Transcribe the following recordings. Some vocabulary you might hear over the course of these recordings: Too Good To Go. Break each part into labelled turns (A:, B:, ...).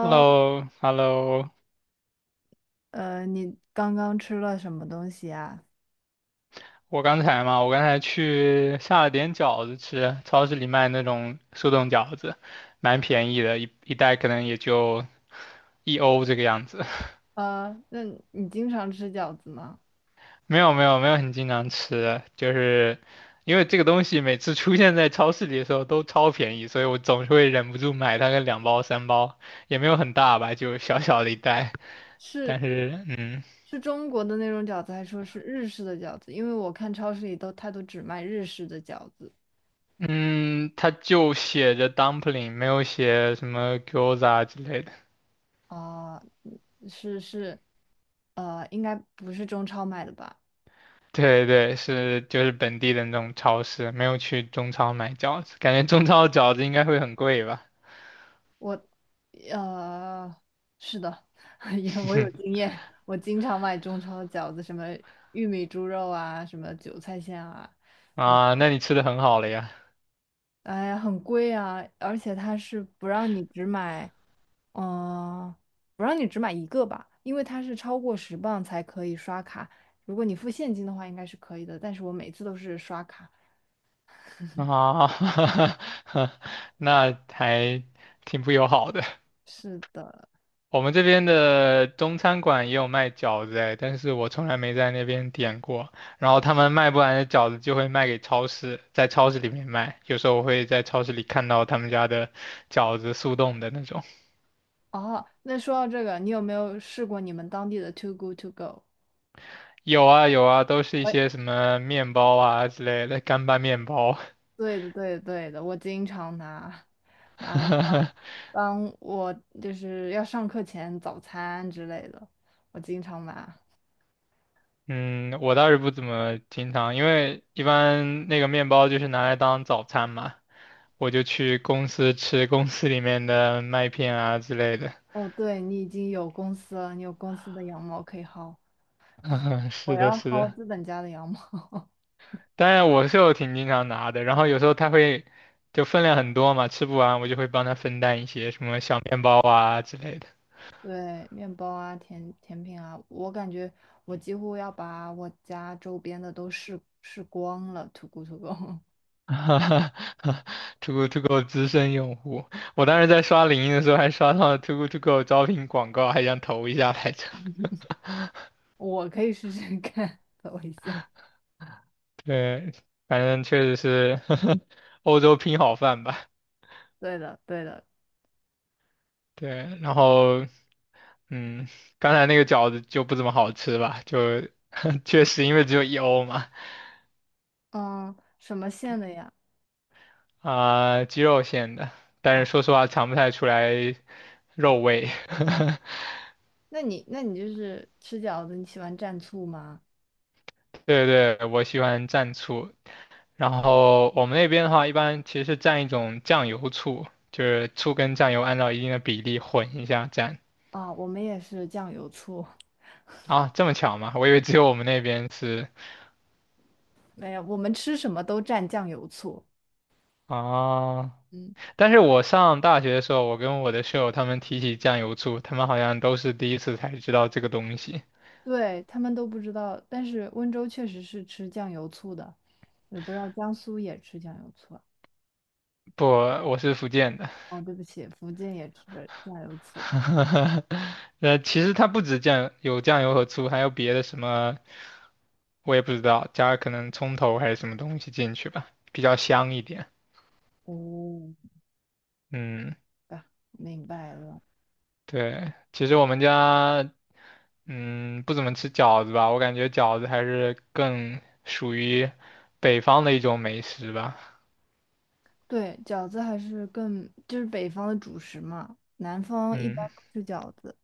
A: h e l l o h e l l o
B: 你刚刚吃了什么东西啊？
A: 我刚才嘛，我刚才去下了点饺子吃，超市里卖那种速冻饺子，蛮便宜的，一袋可能也就一欧这个样子。
B: 那你经常吃饺子吗？
A: 没有没有没有很经常吃，就是因为这个东西每次出现在超市里的时候都超便宜，所以我总是会忍不住买它个两包三包，也没有很大吧，就小小的一袋，
B: 是
A: 但是嗯。
B: 是中国的那种饺子，还说是日式的饺子？因为我看超市里都，它都只卖日式的饺子
A: 嗯，它就写着 dumpling，没有写什么 gyoza 之类的。
B: 啊，嗯是是，应该不是中超买的吧？
A: 对对，是就是本地的那种超市，没有去中超买饺子，感觉中超的饺子应该会很贵吧？
B: 我，呃，是的，也我有经验，我经常买中超的饺子，什么玉米猪肉啊，什么韭菜馅啊。
A: 啊，那你吃的很好了呀？
B: 哎呀，很贵啊，而且它是不让你只买，嗯、不让你只买一个吧，因为它是超过10磅才可以刷卡。如果你付现金的话，应该是可以的，但是我每次都是刷卡。
A: 啊，那还挺不友好的。
B: 是的，
A: 我们这边的中餐馆也有卖饺子哎，但是我从来没在那边点过。然后他们卖不完的饺子就会卖给超市，在超市里面卖。有时候我会在超市里看到他们家的饺子速冻的那种。
B: 哦，那说到这个，你有没有试过你们当地的 Too Good To Go？
A: 有啊有啊，都是一些
B: 我
A: 什么面包啊之类的干拌面包。
B: 对的，对的，对的，我经常拿来当 当我就是要上课前早餐之类的，我经常拿。
A: 嗯，我倒是不怎么经常，因为一般那个面包就是拿来当早餐嘛，我就去公司吃公司里面的麦片啊之类的。
B: 哦，对，你已经有公司了，你有公司的羊毛可以薅，
A: 嗯，
B: 我
A: 是的，
B: 要
A: 是
B: 薅
A: 的。
B: 资本家的羊毛。
A: 当然我是有挺经常拿的，然后有时候他会就分量很多嘛，吃不完我就会帮他分担一些什么小面包啊之类的。
B: 对，面包啊，甜品啊，我感觉我几乎要把我家周边的都试试光了土狗土狗，
A: 哈哈哈 togo To Go 资深用户，我当时在刷领英的时候还刷到了 t o g o To Go 招聘广告，还想投一下来着。
B: 我可以试试看，等我一下。
A: 对，反正确实是 欧洲拼好饭吧。
B: 对的，对的，
A: 对，然后嗯，刚才那个饺子就不怎么好吃吧，就 确实因为只有一欧嘛，
B: 嗯，什么馅的呀？
A: 啊、鸡肉馅的，但
B: 啊，
A: 是说实话尝不太出来肉味。
B: 那你就是吃饺子，你喜欢蘸醋吗？
A: 对对，我喜欢蘸醋，然后我们那边的话，一般其实是蘸一种酱油醋，就是醋跟酱油按照一定的比例混一下蘸。
B: 啊，我们也是酱油醋，
A: 啊，这么巧吗？我以为只有我们那边是
B: 没有，我们吃什么都蘸酱油醋。
A: 啊。
B: 嗯。
A: 但是我上大学的时候，我跟我的室友他们提起酱油醋，他们好像都是第一次才知道这个东西。
B: 对，他们都不知道，但是温州确实是吃酱油醋的，也不知道江苏也吃酱油醋啊。
A: 不，我是福建的。
B: 哦，对不起，福建也吃酱油醋。
A: 其实它不止酱，有酱油和醋，还有别的什么，我也不知道，加可能葱头还是什么东西进去吧，比较香一点。
B: 哦，
A: 嗯，
B: 啊，明白了。
A: 对，其实我们家，嗯，不怎么吃饺子吧，我感觉饺子还是更属于北方的一种美食吧。
B: 对，饺子还是更就是北方的主食嘛，南方一般
A: 嗯，
B: 不吃饺子，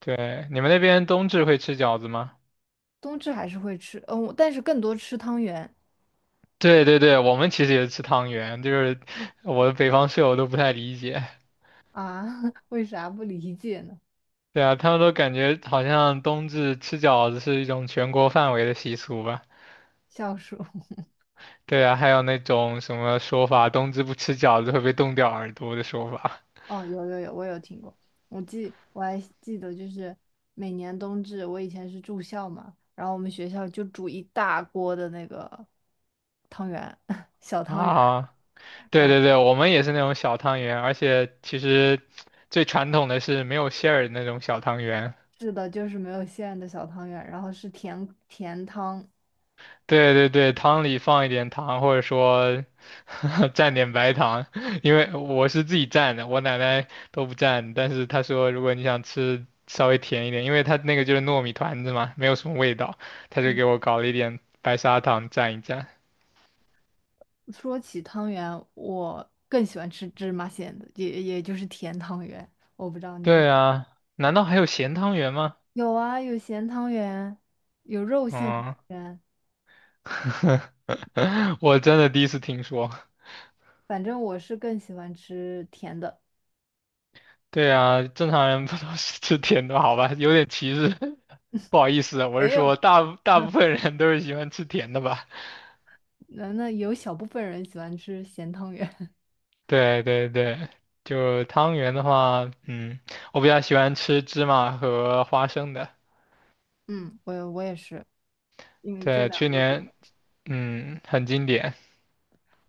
A: 对，你们那边冬至会吃饺子吗？
B: 冬至还是会吃，但是更多吃汤圆
A: 对对对，我们其实也是吃汤圆，就是 我的北方室友都不太理解。
B: 啊，为啥不理解呢？
A: 对啊，他们都感觉好像冬至吃饺子是一种全国范围的习俗吧？
B: 笑鼠。
A: 对啊，还有那种什么说法，冬至不吃饺子会被冻掉耳朵的说法
B: 哦，有有有，我有听过。我还记得，就是每年冬至，我以前是住校嘛，然后我们学校就煮一大锅的那个汤圆，小汤圆，
A: 啊。对
B: 然后
A: 对对，我们也是那种小汤圆，而且其实最传统的是没有馅儿的那种小汤圆。
B: 是的，就是没有馅的小汤圆，然后是甜甜汤。
A: 对对对，汤里放一点糖，或者说 蘸点白糖，因为我是自己蘸的，我奶奶都不蘸，但是她说如果你想吃稍微甜一点，因为它那个就是糯米团子嘛，没有什么味道，她就
B: 嗯，
A: 给我搞了一点白砂糖蘸一蘸。
B: 说起汤圆，我更喜欢吃芝麻馅的，也就是甜汤圆。我不知道你
A: 对啊，难道还有咸汤圆吗？
B: 有啊，有咸汤圆，有肉馅汤
A: 嗯，
B: 圆，
A: 我真的第一次听说。
B: 反正我是更喜欢吃甜的。
A: 对啊，正常人不都是吃甜的好吧？有点歧视，不好意思啊我是
B: 没有。
A: 说大部分人都是喜欢吃甜的吧？
B: 那有小部分人喜欢吃咸汤圆，
A: 对对对，就汤圆的话，我比较喜欢吃芝麻和花生的。
B: 嗯，我也是，因为这
A: 对，去
B: 两个比较。
A: 年很经典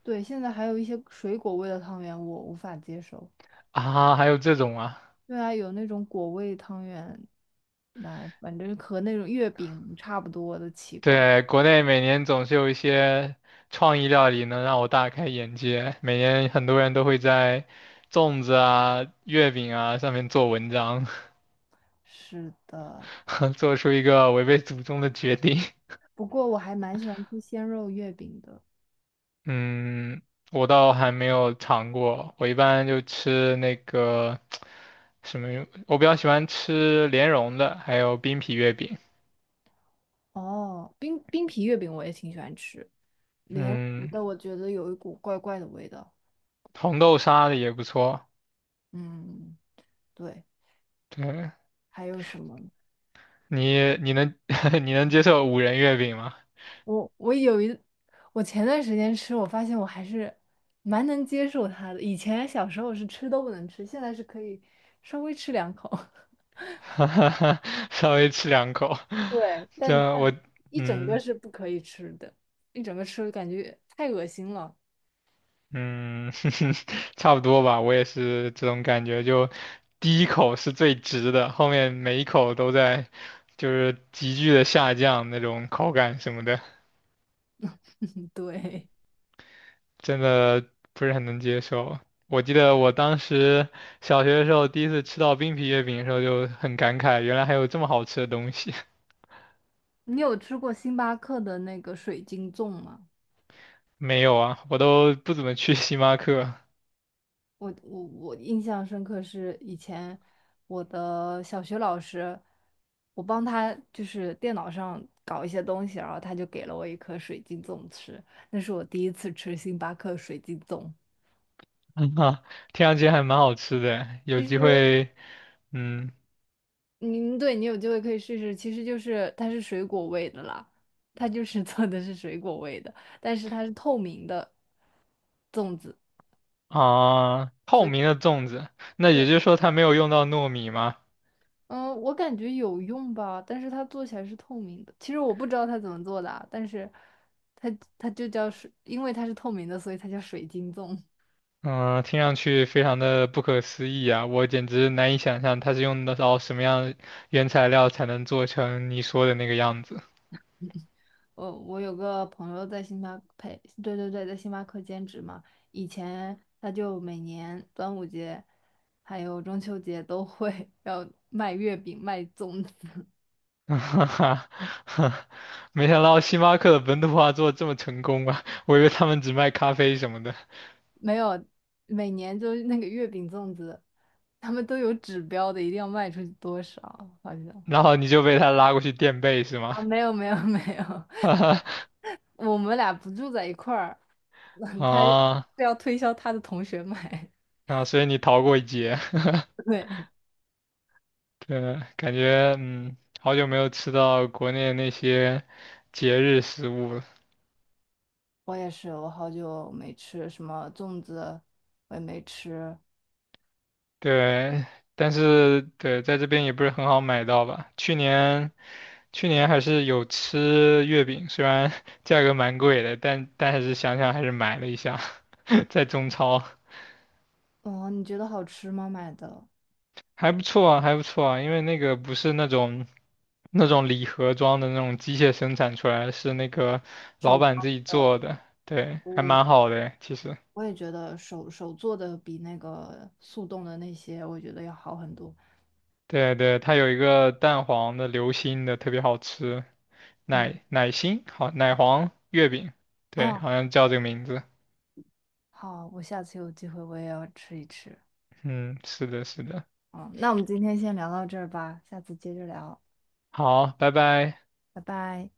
B: 对，现在还有一些水果味的汤圆我无法接受。
A: 啊，还有这种啊，
B: 对啊，有那种果味汤圆，来，反正和那种月饼差不多的奇怪。
A: 对，国内每年总是有一些创意料理能让我大开眼界，每年很多人都会在粽子啊、月饼啊上面做文章。
B: 是的，
A: 做出一个违背祖宗的决定。
B: 不过我还蛮喜欢吃鲜肉月饼的。
A: 嗯，我倒还没有尝过，我一般就吃那个什么，我比较喜欢吃莲蓉的，还有冰皮月饼。
B: 哦，冰皮月饼我也挺喜欢吃，莲蓉
A: 嗯，
B: 的我觉得有一股怪怪的味道。
A: 红豆沙的也不错。
B: 嗯，对，
A: 对，
B: 还有什么？
A: 你你能 你能接受五仁月饼吗？
B: 我我前段时间吃，我发现我还是蛮能接受它的。以前小时候是吃都不能吃，现在是可以稍微吃两口，
A: 稍微吃两口，
B: 对，
A: 这
B: 但
A: 我
B: 但一整个
A: 嗯。
B: 是不可以吃的，一整个吃感觉太恶心了。
A: 嗯，差不多吧，我也是这种感觉，就第一口是最值的，后面每一口都在就是急剧的下降那种口感什么的，
B: 对，
A: 真的不是很能接受。我记得我当时小学的时候第一次吃到冰皮月饼的时候就很感慨，原来还有这么好吃的东西。
B: 你有吃过星巴克的那个水晶粽吗？
A: 没有啊，我都不怎么去 星巴克，
B: 我我我印象深刻是以前我的小学老师，我帮他就是电脑上搞一些东西，然后他就给了我一颗水晶粽吃，那是我第一次吃星巴克水晶粽。
A: 嗯啊，听上去还蛮好吃的，有
B: 其
A: 机
B: 实，
A: 会，嗯。
B: 嗯，对你有机会可以试试，其实就是它是水果味的啦，它就是做的是水果味的，但是它是透明的粽子，
A: 啊，
B: 所
A: 透
B: 以。
A: 明的粽子，那也
B: 对。
A: 就是说它没有用到糯米吗？
B: 嗯，我感觉有用吧，但是它做起来是透明的。其实我不知道它怎么做的啊，但是它它就叫水，因为它是透明的，所以它叫水晶粽。
A: 嗯，听上去非常的不可思议啊，我简直难以想象它是用得到什么样的原材料才能做成你说的那个样子。
B: 我有个朋友在星巴克，对对对，在星巴克兼职嘛，以前他就每年端午节还有中秋节都会 要卖月饼、卖粽子，
A: 哈哈，没想到星巴克的本土化做得这么成功啊！我以为他们只卖咖啡什么的，
B: 没有，每年就是那个月饼粽子，他们都有指标的，一定要卖出去多少，好像
A: 然后你就被他拉过去垫背是吗？
B: 啊，没有没有没有。
A: 哈哈，
B: 我们俩不住在一块儿，他是
A: 啊，
B: 要推销他的同学买。
A: 那所以你逃过一劫。
B: 对，
A: 对，感觉好久没有吃到国内那些节日食物了。
B: 我也是，我好久没吃什么粽子，我也没吃。
A: 对，但是对，在这边也不是很好买到吧。去年还是有吃月饼，虽然 价格蛮贵的，但还是想想还是买了一下，在中超
B: 哦，你觉得好吃吗？买的
A: 还不错啊，还不错啊，因为那个不是那种礼盒装的那种机械生产出来的是那个老
B: 手
A: 板
B: 包
A: 自己
B: 的，
A: 做的，对，还蛮好的，其实。
B: 我也觉得手做的比那个速冻的那些，我觉得要好很多。
A: 对对，它有一个蛋黄的流心的，特别好吃，
B: 嗯，
A: 奶奶心，好，奶黄月饼，对，
B: 哦，
A: 好像叫这个名字。
B: 好，我下次有机会我也要吃一吃。
A: 嗯，是的，是的。
B: 嗯，那我们今天先聊到这儿吧，下次接着聊，
A: 好，拜拜。
B: 拜拜。